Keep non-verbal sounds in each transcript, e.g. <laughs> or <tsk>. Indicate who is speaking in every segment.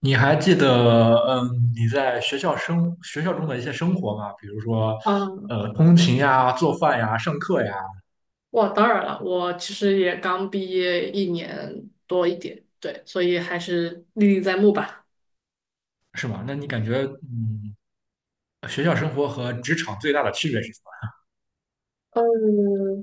Speaker 1: 你还记得，你在学校中的一些生活吗？比如说，
Speaker 2: 嗯，
Speaker 1: 通勤呀、做饭呀、上课呀，
Speaker 2: 哇，当然了，我其实也刚毕业一年多一点，对，所以还是历历在目吧。
Speaker 1: 是吧？那你感觉，学校生活和职场最大的区别是什么？
Speaker 2: 嗯，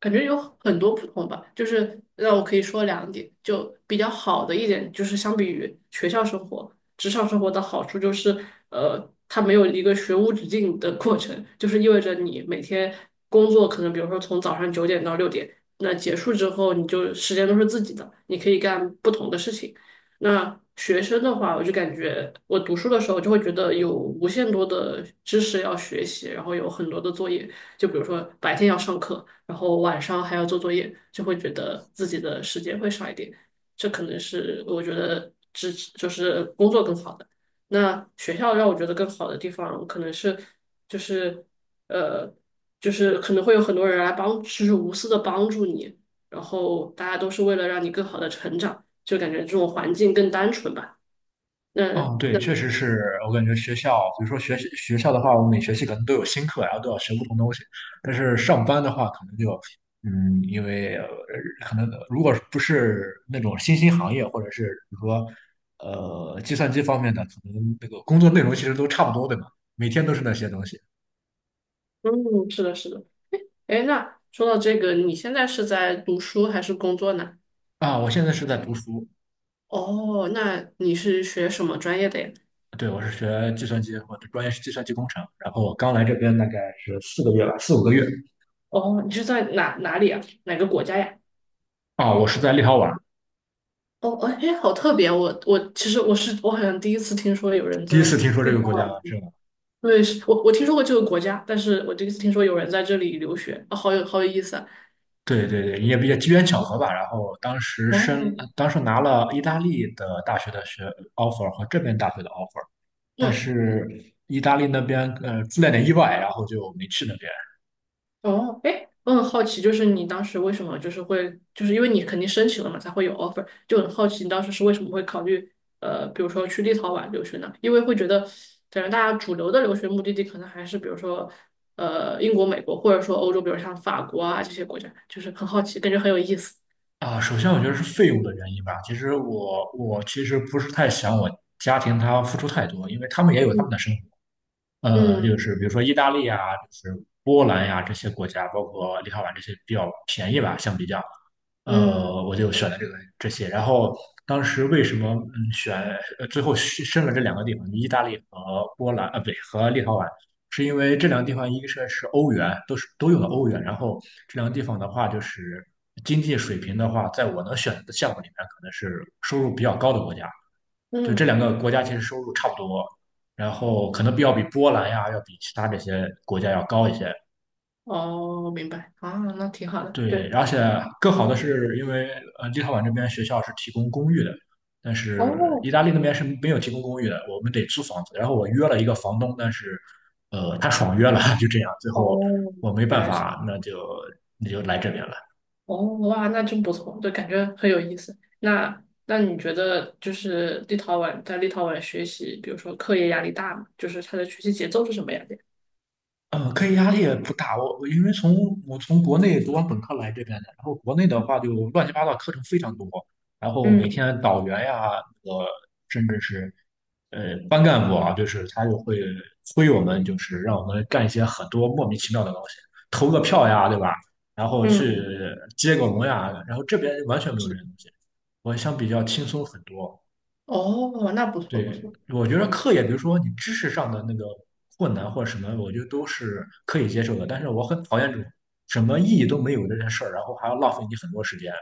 Speaker 2: 感觉有很多不同吧，就是那我可以说两点，就比较好的一点就是相比于学校生活，职场生活的好处就是，它没有一个学无止境的过程，就是意味着你每天工作可能比如说从早上9点到6点，那结束之后你就时间都是自己的，你可以干不同的事情。那学生的话，我就感觉我读书的时候就会觉得有无限多的知识要学习，然后有很多的作业。就比如说白天要上课，然后晚上还要做作业，就会觉得自己的时间会少一点。这可能是我觉得只就是工作更好的。那学校让我觉得更好的地方，可能是就是呃，就是可能会有很多人来帮，就是无私的帮助你，然后大家都是为了让你更好的成长，就感觉这种环境更单纯吧。那
Speaker 1: 嗯，对，
Speaker 2: 那
Speaker 1: 确实是我感觉学校，比如说学校的话，我每学期可能都有新课，然后都要学不同东西。但是上班的话，可能就，因为可能如果不是那种新兴行业，或者是比如说，计算机方面的，可能那个工作内容其实都差不多，对吧？每天都是那些东西。
Speaker 2: 嗯，是的，是的。哎，那说到这个，你现在是在读书还是工作呢？
Speaker 1: 啊，我现在是在读书，
Speaker 2: 哦，那你是学什么专业的呀？
Speaker 1: 对，我是学计算机，我的专业是计算机工程，然后我刚来这边大概是4个月吧，4、5个月。
Speaker 2: 哦，你是在哪里啊？哪个国家呀？
Speaker 1: 啊，我是在立陶宛，
Speaker 2: 哦，哦哎，好特别！我其实我是我好像第一次听说有人
Speaker 1: 第一
Speaker 2: 在
Speaker 1: 次听说这
Speaker 2: 立陶
Speaker 1: 个国家，
Speaker 2: 宛对，是我听说过这个国家，但是我第一次听说有人在这里留学，啊，好有意思啊！
Speaker 1: 对对对，也比较机缘巧合吧。然后
Speaker 2: 哦，
Speaker 1: 当时拿了意大利的大学的offer 和这边大学的 offer，但
Speaker 2: 嗯，
Speaker 1: 是意大利那边出了点意外，然后就没去那边
Speaker 2: 哦，哎，我很好奇，就是你当时为什么就是会，就是因为你肯定申请了嘛，才会有 offer,就很好奇你当时是为什么会考虑，比如说去立陶宛留学呢？因为会觉得，感觉大家主流的留学目的地可能还是比如说，英国、美国，或者说欧洲，比如像法国啊这些国家，就是很好奇，感觉很有意思。
Speaker 1: 啊。首先我觉得是费用的原因吧。其实我其实不是太想我家庭他付出太多，因为他们也有他们
Speaker 2: 嗯
Speaker 1: 的生活。就
Speaker 2: 嗯
Speaker 1: 是比如说意大利啊，就是波兰呀、这些国家，包括立陶宛这些比较便宜吧，相比较。
Speaker 2: 嗯
Speaker 1: 我就选了这些。然后当时为什么选最后是申了这两个地方，意大利和波兰啊，不对，和立陶宛，是因为这两个地方一个是欧元，都用的欧元。然后这两个地方的话，就是经济水平的话，在我能选择的项目里面，可能是收入比较高的国家。就这两
Speaker 2: 嗯，
Speaker 1: 个国家其实收入差不多，然后可能要比波兰呀，要比其他这些国家要高一些。
Speaker 2: 哦，明白啊，那挺好的，
Speaker 1: 对，
Speaker 2: 对，
Speaker 1: 而且更好的是，因为立陶宛这边学校是提供公寓的，但是
Speaker 2: 哦
Speaker 1: 意大利那边是没有提供公寓的，我们得租房子。然后我约了一个房东，但是他爽约了，<laughs> 就这样，最后
Speaker 2: 哦，
Speaker 1: 我没
Speaker 2: 原
Speaker 1: 办
Speaker 2: 来是。
Speaker 1: 法，那就来这边了。
Speaker 2: 哦，哇，那真不错，就感觉很有意思。那你觉得就是立陶宛在立陶宛学习，比如说课业压力大吗？就是他的学习节奏是什么样的呀？
Speaker 1: 课业压力也不大，我因为我从国内读完本科来这边的，然后国内的
Speaker 2: 嗯
Speaker 1: 话就乱七八糟课程非常多，然后每
Speaker 2: 嗯，
Speaker 1: 天导员呀，呃，甚至是班干部啊，就是他就会催我们，就是让我们干一些很多莫名其妙的东西，投个票呀，对吧？然后去
Speaker 2: 嗯，
Speaker 1: 接个龙呀，然后这边完全没有
Speaker 2: 是
Speaker 1: 这
Speaker 2: 的
Speaker 1: 些东西，我相比较轻松很多。
Speaker 2: 哦，那不错不
Speaker 1: 对，
Speaker 2: 错。
Speaker 1: 我觉得课业，比如说你知识上的那个困难或者什么，我觉得都是可以接受的。但是我很讨厌这种什么意义都没有的这件事儿，然后还要浪费你很多时间。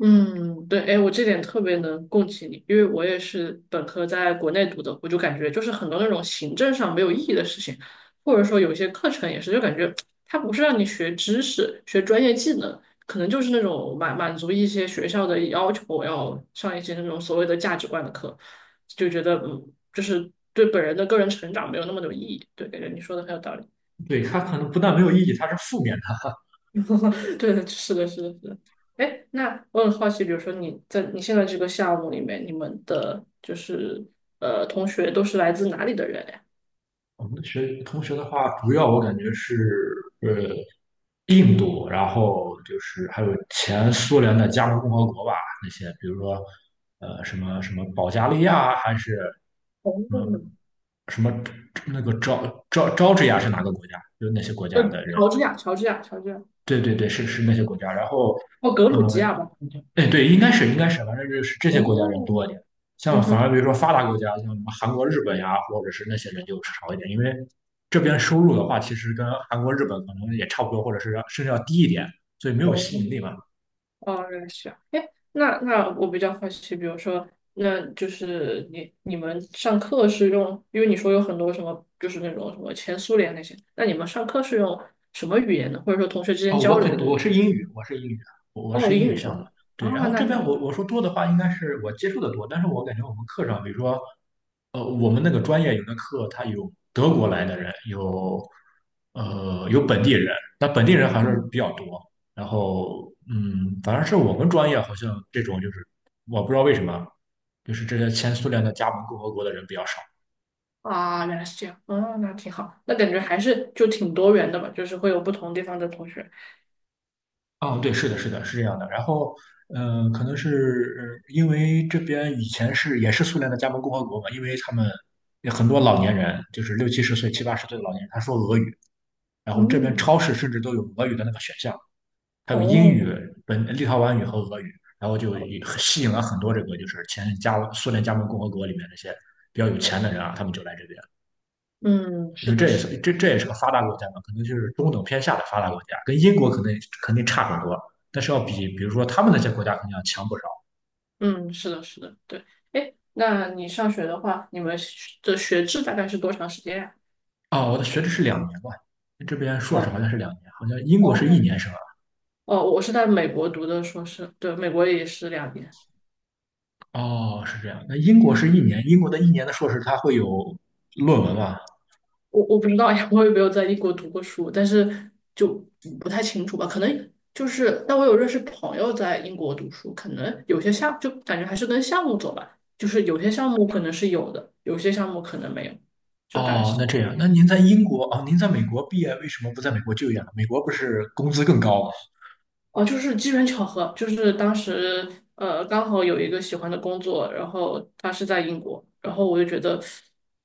Speaker 2: 嗯，对，哎，我这点特别能共情你，因为我也是本科在国内读的，我就感觉就是很多那种行政上没有意义的事情，或者说有一些课程也是，就感觉 <tsk> 它不是让你学知识、学专业技能，可能就是那种满满足一些学校的要求，要上一些那种所谓的价值观的课，就觉得嗯，就是对本人的个人成长没有那么有意义。对，感觉你说的很有道理。
Speaker 1: 对，它可能不但没有意义，它是负面的。
Speaker 2: <laughs> 对，是的，是的，是的。哎，那我很好奇，比如说你在你现在这个项目里面，你们的就是同学都是来自哪里的人呀？
Speaker 1: 我们同学的话，主要我感觉是呃印度，然后就是还有前苏联的加盟共和国吧，那些比如说什么什么保加利亚还是
Speaker 2: 哦，
Speaker 1: 什么什么那个乔治亚是哪个国家？就是那些国
Speaker 2: 呃，
Speaker 1: 家的人，
Speaker 2: 乔治亚，乔治亚，乔治亚，
Speaker 1: 对对对，是那些国家。然后
Speaker 2: 哦，格
Speaker 1: 呃
Speaker 2: 鲁吉亚吧，好像
Speaker 1: 哎，对，应该是，反正就是这些国家人
Speaker 2: 哦，
Speaker 1: 多一点。像
Speaker 2: 嗯
Speaker 1: 反而
Speaker 2: 哼。
Speaker 1: 比如说发达国家，像什么韩国、日本呀，或者是那些人就少一点，因为这边收入的话，其实跟韩国、日本可能也差不多，或者是甚至要低一点，所以没有
Speaker 2: 哦，
Speaker 1: 吸引力嘛。
Speaker 2: 哦，认识啊。哎，那那我比较好奇，比如说，那就是你你们上课是用，因为你说有很多什么，就是那种什么前苏联那些，那你们上课是用什么语言呢？或者说同学之间
Speaker 1: 哦，
Speaker 2: 交流都
Speaker 1: 我是英语，我
Speaker 2: 哦，
Speaker 1: 是英
Speaker 2: 英
Speaker 1: 语
Speaker 2: 语
Speaker 1: 项目。
Speaker 2: 说啊，
Speaker 1: 对，然后
Speaker 2: 那
Speaker 1: 这边
Speaker 2: 挺，
Speaker 1: 我说多的话，应该是我接触的多，但是我感觉我们课上，比如说我们那个专业有的课，它有德国来的人，有本地人，但本地人还是
Speaker 2: 嗯，
Speaker 1: 比较多。然后，反正是我们专业好像这种就是，我不知道为什么，就是这些前苏联的加盟共和国的人比较少。
Speaker 2: 啊，原来是这样，啊，那挺好，那感觉还是就挺多元的吧，就是会有不同地方的同学。
Speaker 1: 哦，对，是的，是的，是这样的。然后，可能是因为这边以前也是苏联的加盟共和国嘛，因为他们有很多老年人，就是六七十岁、七八十岁的老年人，他说俄语，然后这边超
Speaker 2: 嗯，
Speaker 1: 市甚至都有俄语的那个选项。还有英语、
Speaker 2: 哦，
Speaker 1: 立陶宛语和俄语，然后就也吸引了很多这个就是前苏联加盟共和国里面那些比较有钱的人啊，他们就来这边，
Speaker 2: 嗯，
Speaker 1: 因
Speaker 2: 是
Speaker 1: 为
Speaker 2: 的，
Speaker 1: 这也
Speaker 2: 是，
Speaker 1: 是这这也是个发达国家嘛，可能就是中等偏下的发达国家，跟英国可能肯定差很多，但是要比比如说他们那些国家肯定要强不少。
Speaker 2: 嗯，是的，是的，对。哎，那你上学的话，你们学的学制大概是多长时间呀？
Speaker 1: 哦，我的学制是两年吧，这边硕士好
Speaker 2: 哦，
Speaker 1: 像是两年，好像英国是一
Speaker 2: 哦，
Speaker 1: 年是吧？
Speaker 2: 哦，我是在美国读的硕士，对，美国也是2年。
Speaker 1: 哦，是这样。那英国是一年，英国的一年的硕士它会有论文吗？
Speaker 2: 我不知道呀，我也没有在英国读过书，但是就不太清楚吧，可能就是，但我有认识朋友在英国读书，可能有些项就感觉还是跟项目走吧，就是有些项目可能是有的，有些项目可能没有，就大概
Speaker 1: 哦，
Speaker 2: 是。
Speaker 1: 那这样，那您在英国哦，您在美国毕业，为什么不在美国就业呢？美国不是工资更高吗？
Speaker 2: 哦，就是机缘巧合，就是当时刚好有一个喜欢的工作，然后他是在英国，然后我就觉得，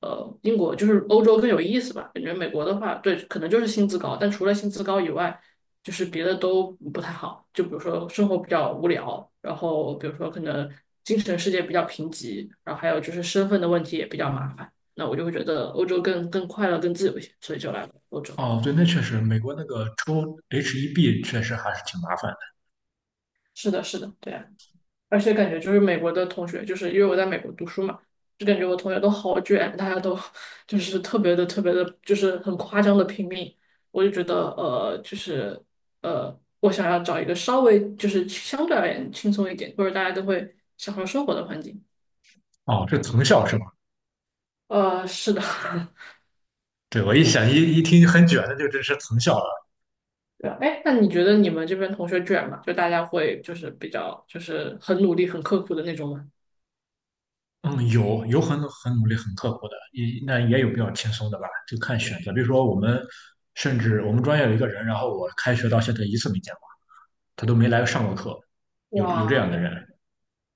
Speaker 2: 英国就是欧洲更有意思吧，感觉美国的话，对，可能就是薪资高，但除了薪资高以外，就是别的都不太好，就比如说生活比较无聊，然后比如说可能精神世界比较贫瘠，然后还有就是身份的问题也比较麻烦，那我就会觉得欧洲更快乐、更自由一些，所以就来了欧洲。
Speaker 1: 哦，对，那确实，美国那个抽 H1B 确实还是挺麻烦
Speaker 2: 是的，是的，对啊而且感觉就是美国的同学，就是因为我在美国读书嘛，就感觉我同学都好卷，大家都 <laughs> 就是特别的、特别的，就是很夸张的拼命。我就觉得，就是我想要找一个稍微就是相对而言轻松一点，或者大家都会享受生活的环境。
Speaker 1: 的。哦，这藤校是吗？
Speaker 2: 是的，<laughs>
Speaker 1: 对，我一想一一听很卷的，就这是藤校了。
Speaker 2: 对啊。哎，那你觉得你们这边同学卷吗？就大家会就是比较就是很努力、很刻苦的那种吗？
Speaker 1: 嗯，有很努力、很刻苦的，那也有比较轻松的吧，就看选择。比如说我们，甚至我们专业有一个人，然后我开学到现在一次没见过，他都没来上过课，有这样的
Speaker 2: 哇，
Speaker 1: 人。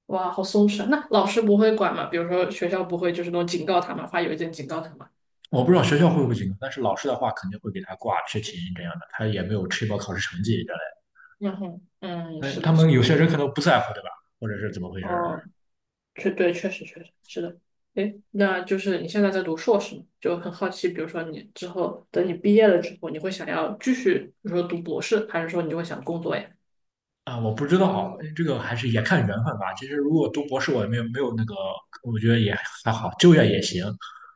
Speaker 2: 哇，好松弛啊！那老师不会管吗？比如说学校不会就是那种警告他们，发邮件警告他们。
Speaker 1: 我不知道学校会不会警告，但是老师的话肯定会给他挂缺勤这样的，他也没有吃饱考试成绩之类的。
Speaker 2: 然后，嗯，
Speaker 1: 但
Speaker 2: 是
Speaker 1: 他
Speaker 2: 的，是
Speaker 1: 们
Speaker 2: 的
Speaker 1: 有些人可能不在乎，对吧？或者是怎么回事儿
Speaker 2: 哦，确实确实是的。诶，那就是你现在在读硕士嘛，就很好奇，比如说你之后等你毕业了之后，你会想要继续，比如说读博士，还是说你就会想工作呀？
Speaker 1: 啊？我不知道，这个还是也看缘分吧。其实如果读博士，我也没有那个，我觉得也还好，就业也行。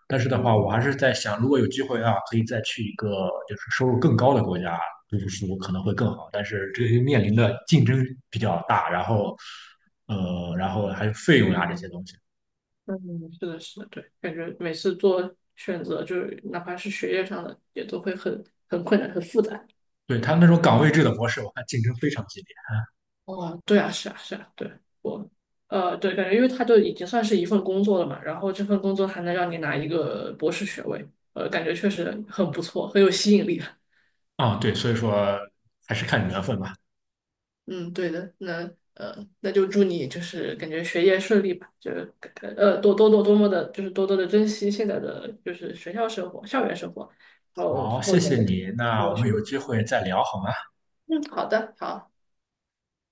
Speaker 1: 但是的话，我还
Speaker 2: 嗯
Speaker 1: 是在想，如果有机会啊，可以再去一个就是收入更高的国家读书可能会更好。但是这个面临的竞争比较大，然后然后还有费用啊这些东西。
Speaker 2: 嗯，是的，是的，对，感觉每次做选择，就是哪怕是学业上的，也都会很困难，很复杂。
Speaker 1: 对，他那种岗位制的模式，我看竞争非常激烈
Speaker 2: 哦，对啊，是啊，是啊，对，我，对，感觉因为它就已经算是一份工作了嘛，然后这份工作还能让你拿一个博士学位，感觉确实很不错，很有吸引力。<laughs>
Speaker 1: 啊，对，所以说还是看缘分吧。
Speaker 2: 嗯，对的，那就祝你就是感觉学业顺利吧，就是多多的珍惜现在的就是学校生活、校园生活，然后
Speaker 1: 好，
Speaker 2: 之后
Speaker 1: 谢
Speaker 2: 能
Speaker 1: 谢你，那
Speaker 2: 也
Speaker 1: 我们
Speaker 2: 顺
Speaker 1: 有
Speaker 2: 利。
Speaker 1: 机会再聊好吗？
Speaker 2: 嗯，好的，好。